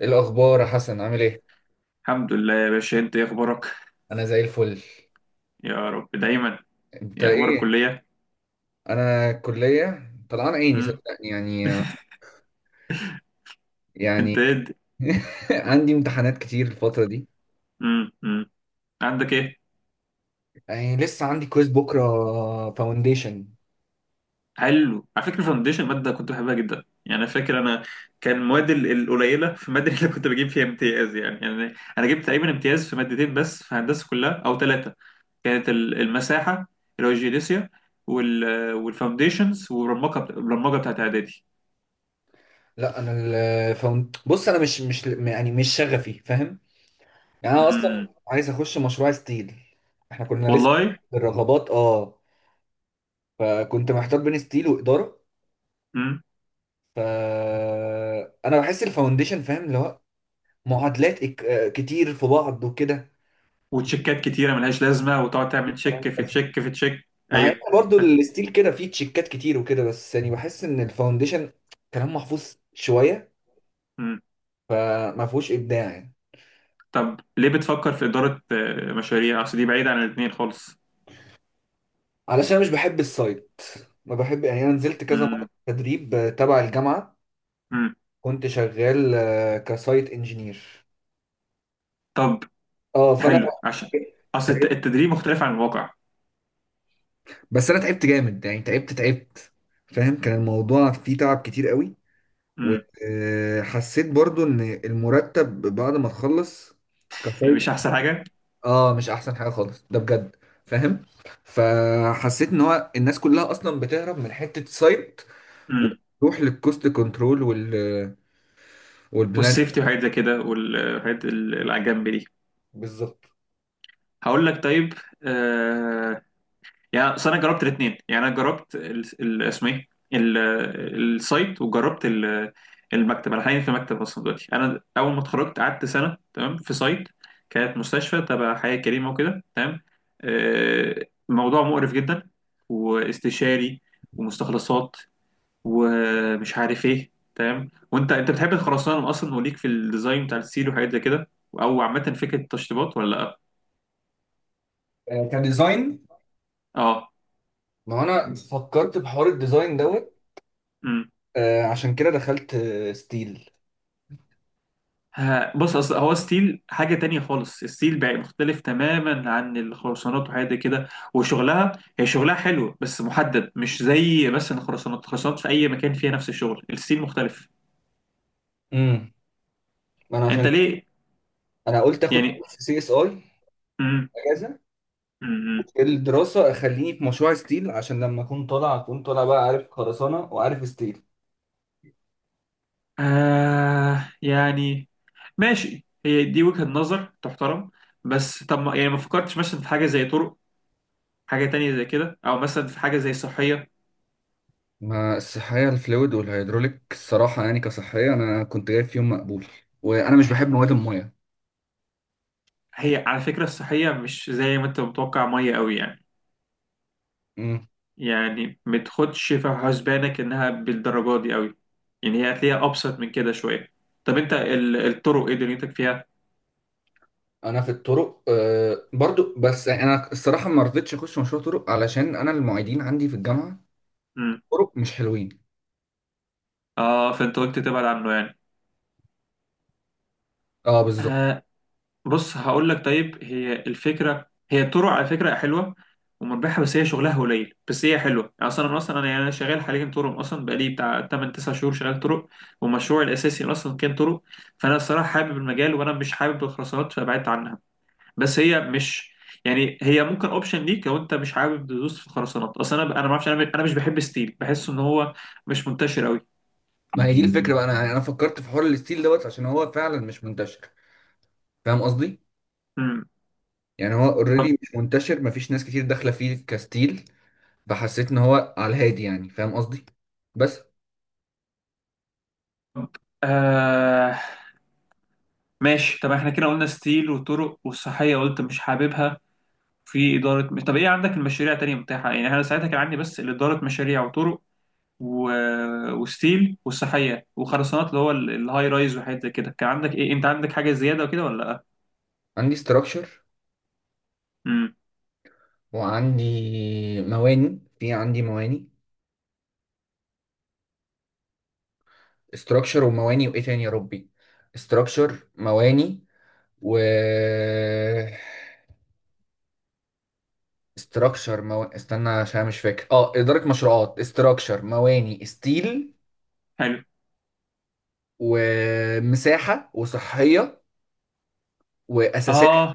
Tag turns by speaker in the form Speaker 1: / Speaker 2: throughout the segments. Speaker 1: ايه الاخبار يا حسن عامل ايه؟
Speaker 2: الحمد لله يا باشا، انت ايه اخبارك؟
Speaker 1: انا زي الفل.
Speaker 2: يا رب دايما.
Speaker 1: انت
Speaker 2: ايه اخبار
Speaker 1: ايه؟
Speaker 2: الكليه؟
Speaker 1: انا الكليه طلعان عيني
Speaker 2: امم.
Speaker 1: صدقني يعني.
Speaker 2: انت
Speaker 1: يعني
Speaker 2: ايه
Speaker 1: عندي امتحانات كتير الفتره دي.
Speaker 2: امم، امم. عندك ايه؟
Speaker 1: يعني لسه عندي كويز بكره، فاونديشن.
Speaker 2: حلو، على فكره فاونديشن ماده كنت بحبها جدا، يعني انا فاكر انا كان مواد القليله في الماده اللي كنت بجيب فيها امتياز، يعني انا جبت تقريبا امتياز في مادتين بس في هندسه كلها او ثلاثه. كانت المساحه، اللي هو الجيوديسيا، وال والفاونديشنز والبرمجه، البرمجه بتاعت اعدادي.
Speaker 1: لا انا الفاوند، بص انا مش يعني مش شغفي، فاهم؟ يعني انا اصلا
Speaker 2: امم.
Speaker 1: عايز اخش مشروع ستيل. احنا كنا لسه
Speaker 2: والله.
Speaker 1: في الرغبات، اه، فكنت محتار بين ستيل واداره. ف انا بحس الفاونديشن، فاهم، اللي هو معادلات كتير في بعض وكده.
Speaker 2: وتشيكات كتيره ملهاش لازمه، وتقعد تعمل تشيك في تشيك في تشيك.
Speaker 1: مع ان
Speaker 2: ايوه.
Speaker 1: برضو الستيل كده فيه تشيكات كتير وكده، بس يعني بحس ان الفاونديشن كلام محفوظ شويه،
Speaker 2: مم.
Speaker 1: فما فيهوش ابداع يعني.
Speaker 2: طب ليه بتفكر في اداره مشاريع؟ اصل دي بعيده عن الاثنين خالص.
Speaker 1: علشان أنا مش بحب السايت، ما بحب، يعني انا نزلت كذا مره
Speaker 2: مم.
Speaker 1: تدريب تبع الجامعه،
Speaker 2: مم.
Speaker 1: كنت شغال كسايت انجينير.
Speaker 2: طب،
Speaker 1: اه فانا،
Speaker 2: حلو. عشان اصل التدريب مختلف عن الواقع.
Speaker 1: بس انا تعبت جامد يعني، تعبت، فاهم، كان الموضوع فيه تعب كتير قوي.
Speaker 2: مم.
Speaker 1: وحسيت برضو ان المرتب بعد ما تخلص
Speaker 2: مش
Speaker 1: كفايه.
Speaker 2: احسن حاجه.
Speaker 1: اه مش احسن حاجه خالص ده بجد، فاهم. فحسيت ان هو الناس كلها اصلا بتهرب من حته سايت،
Speaker 2: مم.
Speaker 1: وتروح للكوست كنترول والبلان.
Speaker 2: والسيفتي وحاجات زي كده، والحاجات اللي على الجنب دي.
Speaker 1: بالظبط.
Speaker 2: هقول لك طيب. آه، يعني أصل انا جربت الاثنين، يعني انا جربت اسمه ايه السايت، وجربت المكتب. انا حاليا في مكتب اصلا، دلوقتي انا اول ما اتخرجت قعدت سنه تمام في سايت، كانت مستشفى تبع حياه كريمه وكده، تمام. موضوع مقرف جدا، واستشاري، ومستخلصات، ومش عارف ايه، تمام. وانت، بتحب الخرسانه اصلا وليك في الديزاين بتاع السيل وحاجات زي كده، او عامه فكره التشطيبات، ولا لا؟
Speaker 1: كديزاين.
Speaker 2: اه.
Speaker 1: ما هو انا فكرت بحوار الديزاين دوت، عشان كده دخلت ستيل.
Speaker 2: ها، بص، اصل هو ستيل حاجه تانية خالص. الستيل بقى مختلف تماما عن الخرسانات وحاجات دي كده، وشغلها، هي شغلها حلو بس محدد، مش زي مثلا الخرسانات. الخرسانات في اي مكان فيها نفس الشغل، الستيل مختلف.
Speaker 1: امم، ما انا
Speaker 2: انت
Speaker 1: عشان
Speaker 2: ليه،
Speaker 1: انا قلت اخد
Speaker 2: يعني؟
Speaker 1: سي اس اي
Speaker 2: امم.
Speaker 1: اجازه
Speaker 2: امم.
Speaker 1: الدراسة، أخليني في مشروع ستيل، عشان لما أكون طالع أكون طالع بقى عارف خرسانة وعارف ستيل.
Speaker 2: آه، يعني ماشي، هي دي وجهة نظر تحترم. بس طب، ما يعني ما فكرتش مثلا في حاجه زي طرق، حاجه تانية زي كده، او مثلا في حاجه زي صحيه؟
Speaker 1: ما الصحية الفلويد والهيدروليك الصراحة يعني كصحية أنا كنت جايب فيهم مقبول، وأنا مش بحب مواد المية.
Speaker 2: هي على فكره الصحيه مش زي ما انت متوقع ميه قوي يعني.
Speaker 1: مم.
Speaker 2: يعني ما تاخدش في حسبانك انها بالدرجه دي قوي، يعني هي هتلاقيها ابسط من كده شويه. طب انت الطرق ايه دنيتك فيها؟
Speaker 1: أنا في الطرق آه برضو، بس أنا الصراحة ما رضيتش أخش مشروع طرق، علشان أنا المعيدين عندي في الجامعة
Speaker 2: امم.
Speaker 1: طرق مش حلوين.
Speaker 2: اه، فانت قلت تبعد عنه يعني.
Speaker 1: أه بالظبط.
Speaker 2: آه. بص، هقول لك طيب، هي الفكره، هي الطرق على فكره حلوه ومربحه، بس هي شغلها قليل، بس هي حلوه يعني. اصلا انا، أنا شغال حاليا طرق اصلا، بقالي بتاع 8 9 شهور شغال طرق، ومشروعي الاساسي اصلا كان طرق. فانا الصراحه حابب المجال، وانا مش حابب الخرسانات، فبعدت عنها. بس هي مش، يعني هي ممكن اوبشن ليك لو انت مش حابب تدوس في الخرسانات. اصل انا ما اعرفش، انا مش بحب ستيل، بحس ان هو مش منتشر قوي.
Speaker 1: ما هي دي الفكرة بقى، أنا يعني أنا فكرت في حوار الستيل دوت عشان هو فعلا مش منتشر. فاهم قصدي؟
Speaker 2: امم.
Speaker 1: يعني هو
Speaker 2: طب،
Speaker 1: أوريدي مش منتشر، مفيش ناس كتير داخلة فيه كستيل، فحسيت ان هو على الهادي يعني، فاهم قصدي. بس
Speaker 2: آه ماشي. طب احنا كده قلنا ستيل وطرق، والصحيه قلت مش حاببها، في اداره. طب ايه عندك المشاريع تانية متاحه؟ يعني انا ساعتها كان عندي بس اداره مشاريع وطرق و... وستيل والصحيه وخرسانات اللي هو الهاي رايز وحاجات زي كده. كان عندك ايه؟ انت عندك حاجه زياده وكده، ولا لا؟
Speaker 1: عندي ستراكشر،
Speaker 2: امم.
Speaker 1: وعندي مواني، عندي مواني، ستراكشر ومواني وايه تاني يا ربي، ستراكشر مواني و ستراكشر استنى عشان مش فاكر، اه اداره مشروعات، ستراكشر، مواني، ستيل،
Speaker 2: حلو.
Speaker 1: ومساحه، وصحيه، واساسات،
Speaker 2: اه.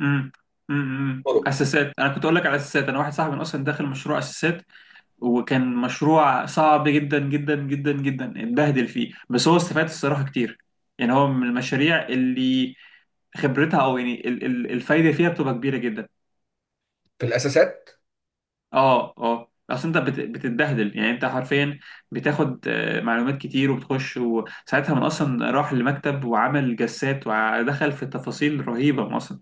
Speaker 2: امم. امم،
Speaker 1: طرق.
Speaker 2: اساسات. انا كنت اقول لك على اساسات. انا واحد صاحبي اصلا داخل مشروع اساسات، وكان مشروع صعب جدا جدا جدا جدا، اتبهدل فيه، بس هو استفاد الصراحه كتير. يعني هو من المشاريع اللي خبرتها، او يعني الفايده فيها بتبقى كبيره جدا.
Speaker 1: في الاساسات،
Speaker 2: اه، اه، اصل انت بتتبهدل، يعني انت حرفيا بتاخد معلومات كتير، وبتخش، وساعتها من اصلا راح لمكتب وعمل جسات ودخل في تفاصيل رهيبه من اصلا،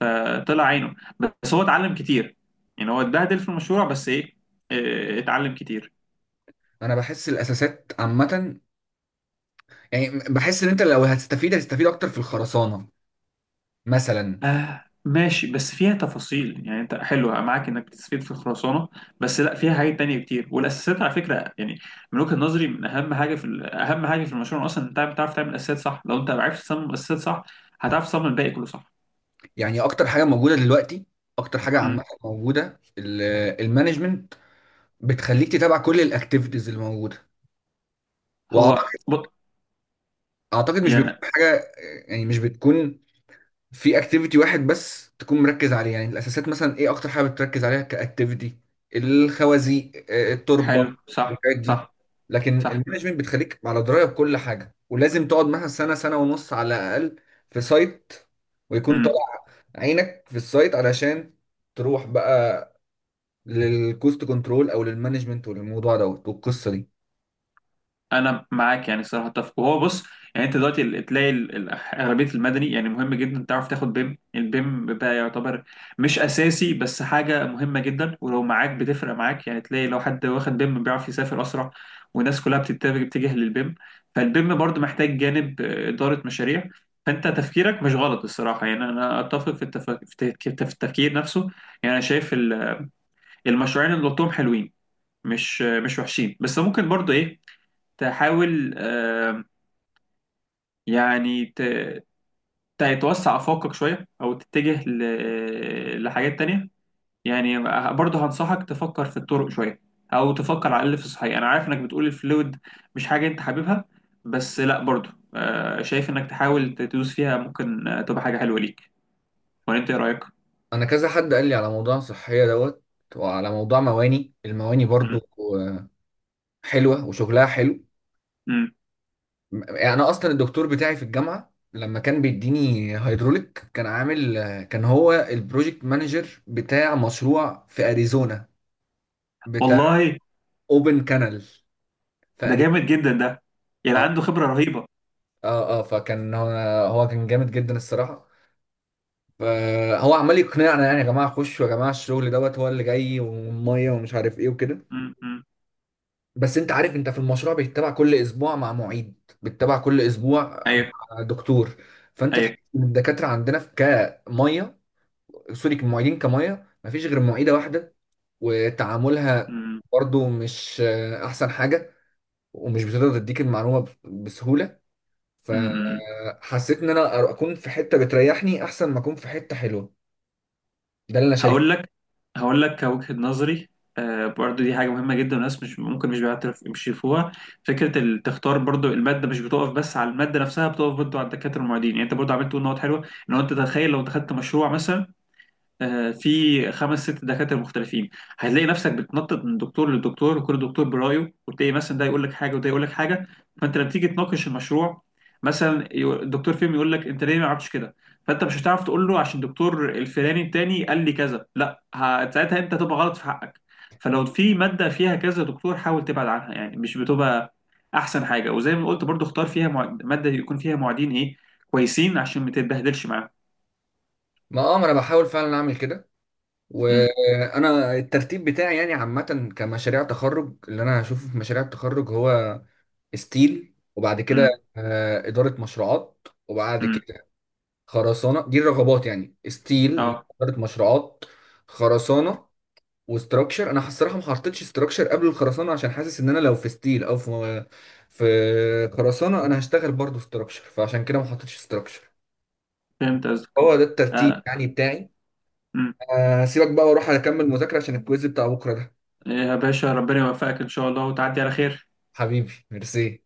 Speaker 2: فطلع عينه، بس هو اتعلم كتير. يعني هو اتبهدل في المشروع، بس ايه، اتعلم كتير.
Speaker 1: انا بحس الاساسات عامه، يعني بحس ان انت لو هتستفيد هتستفيد اكتر في الخرسانه مثلا.
Speaker 2: آه ماشي، بس فيها تفاصيل يعني. انت حلو معاك انك بتستفيد في الخرسانه، بس لا فيها حاجات تانية كتير. والاساسات على فكره يعني من وجهه نظري من اهم حاجه في اهم حاجه في المشروع اصلا. انت بتعرف تعمل اساسات صح، لو انت عرفت تصمم الاساسات صح هتعرف تصمم الباقي كله صح.
Speaker 1: يعني اكتر حاجه موجوده دلوقتي، اكتر حاجه عامه
Speaker 2: امم.
Speaker 1: موجوده، المانجمنت، بتخليك تتابع كل الاكتيفيتيز اللي موجوده.
Speaker 2: هو
Speaker 1: واعتقد،
Speaker 2: بط...
Speaker 1: اعتقد مش بتكون
Speaker 2: يعني
Speaker 1: حاجه، يعني مش بتكون في اكتيفيتي واحد بس تكون مركز عليه. يعني الاساسات مثلا ايه اكتر حاجه بتركز عليها كاكتيفيتي؟ الخوازيق، التربه،
Speaker 2: حلو. صح،
Speaker 1: الحاجات دي.
Speaker 2: صح،
Speaker 1: لكن المانجمنت بتخليك على درايه بكل حاجه، ولازم تقعد مثلا سنه سنه ونص على الاقل في سايت، ويكون
Speaker 2: صح.
Speaker 1: طالع عينك في السايت، علشان تروح بقى للكوست كنترول او للمانجمنت وللموضوع دوت والقصه دي.
Speaker 2: انا معاك يعني الصراحه، اتفق. وهو بص، يعني انت دلوقتي تلاقي اغلبيه المدني يعني مهم جدا تعرف تاخد بيم. البيم بقى يعتبر مش اساسي، بس حاجه مهمه جدا، ولو معاك بتفرق معاك يعني. تلاقي لو حد واخد بيم بيعرف يسافر اسرع، والناس كلها بتتجه، للبيم. فالبيم برضو محتاج جانب اداره مشاريع. فانت تفكيرك مش غلط الصراحه، يعني انا اتفق في في التفكير، نفسه. يعني انا شايف المشروعين اللي قلتهم حلوين، مش مش وحشين، بس ممكن برضو ايه، تحاول يعني تتوسع أفاقك شوية، أو تتجه لحاجات تانية. يعني برضه هنصحك تفكر في الطرق شوية، أو تفكر على الأقل في الصحيح. أنا عارف إنك بتقول الفلويد مش حاجة أنت حاببها، بس لأ، برضه شايف إنك تحاول تدوس فيها، ممكن تبقى حاجة حلوة ليك. ولا أنت إيه رأيك؟
Speaker 1: انا كذا حد قال لي على موضوع صحيه دوت، وعلى موضوع مواني. المواني
Speaker 2: مم.
Speaker 1: برضو حلوه وشغلها حلو.
Speaker 2: مم.
Speaker 1: يعني انا اصلا الدكتور بتاعي في الجامعه لما كان بيديني هيدروليك، كان عامل، كان هو البروجكت مانجر بتاع مشروع في اريزونا، بتاع
Speaker 2: والله،
Speaker 1: اوبن كانال في
Speaker 2: ده
Speaker 1: اريزونا.
Speaker 2: جامد جدا ده، يعني
Speaker 1: اه
Speaker 2: عنده خبرة رهيبة.
Speaker 1: اه فكان هو، هو كان جامد جدا الصراحه. فهو عمال يقنعنا، يعني يا جماعه خشوا يا جماعه الشغل دوت هو اللي جاي، والميه ومش عارف ايه وكده.
Speaker 2: مم. مم.
Speaker 1: بس انت عارف، انت في المشروع بيتبع كل اسبوع مع معيد، بيتبع كل اسبوع
Speaker 2: أيوه.
Speaker 1: مع دكتور. فانت تحس
Speaker 2: أيوه.
Speaker 1: ان الدكاتره عندنا في كميه، سوري كمعيدين كميه، مفيش غير معيده واحده، وتعاملها
Speaker 2: مم.
Speaker 1: برضو مش احسن حاجه، ومش بتقدر تديك المعلومه بسهوله.
Speaker 2: مم.
Speaker 1: فحسيت ان انا اكون في حته بتريحني احسن ما اكون في حته حلوه. ده اللي انا
Speaker 2: هقول
Speaker 1: شايفه.
Speaker 2: لك، هقول لك كوجهة نظري، آه برضو دي حاجة مهمة جدا، والناس مش ممكن، مش بيعترف، مش يشوفوها. فكرة تختار برضو المادة مش بتقف بس على المادة نفسها، بتقف برضو على الدكاترة المعيدين. يعني انت برضو عملت تقول نقط حلوة. ان هو انت تخيل لو دخلت مشروع مثلا في خمس ست دكاترة مختلفين، هتلاقي نفسك بتنطط من دكتور لدكتور، وكل دكتور برايه، وتلاقي مثلا ده يقول لك حاجة وده يقول لك حاجة. فانت لما تيجي تناقش المشروع مثلا، الدكتور فيهم يقول لك انت ليه ما عملتش كده، فانت مش هتعرف تقول له عشان الدكتور الفلاني التاني قال لي كذا، لا، ساعتها انت هتبقى غلط في حقك. فلو في مادة فيها كذا دكتور حاول تبعد عنها، يعني مش بتبقى احسن حاجة. وزي ما قلت برضو، اختار فيها مادة يكون فيها معيدين ايه، كويسين، عشان ما تتبهدلش معاهم.
Speaker 1: ما اه ما انا بحاول فعلا اعمل كده.
Speaker 2: امم.
Speaker 1: وانا الترتيب بتاعي يعني عامه كمشاريع تخرج، اللي انا هشوفه في مشاريع التخرج هو ستيل، وبعد كده
Speaker 2: امم.
Speaker 1: اداره مشروعات، وبعد
Speaker 2: امم.
Speaker 1: كده خرسانه. دي الرغبات يعني، ستيل،
Speaker 2: اه،
Speaker 1: اداره مشروعات، خرسانه، وستراكشر. انا الصراحه ما حطيتش ستراكشر قبل الخرسانه عشان حاسس ان انا لو في ستيل او في في خرسانه، انا هشتغل برضو ستراكشر، فعشان كده ما حطيتش ستراكشر.
Speaker 2: فهمت قصدك.
Speaker 1: هو ده الترتيب
Speaker 2: آه.
Speaker 1: يعني بتاعي.
Speaker 2: أمم.
Speaker 1: سيبك بقى واروح اكمل مذاكرة عشان الكويز بتاع بكرة ده.
Speaker 2: يا باشا ربنا يوفقك إن شاء الله، وتعدي على خير.
Speaker 1: حبيبي ميرسي.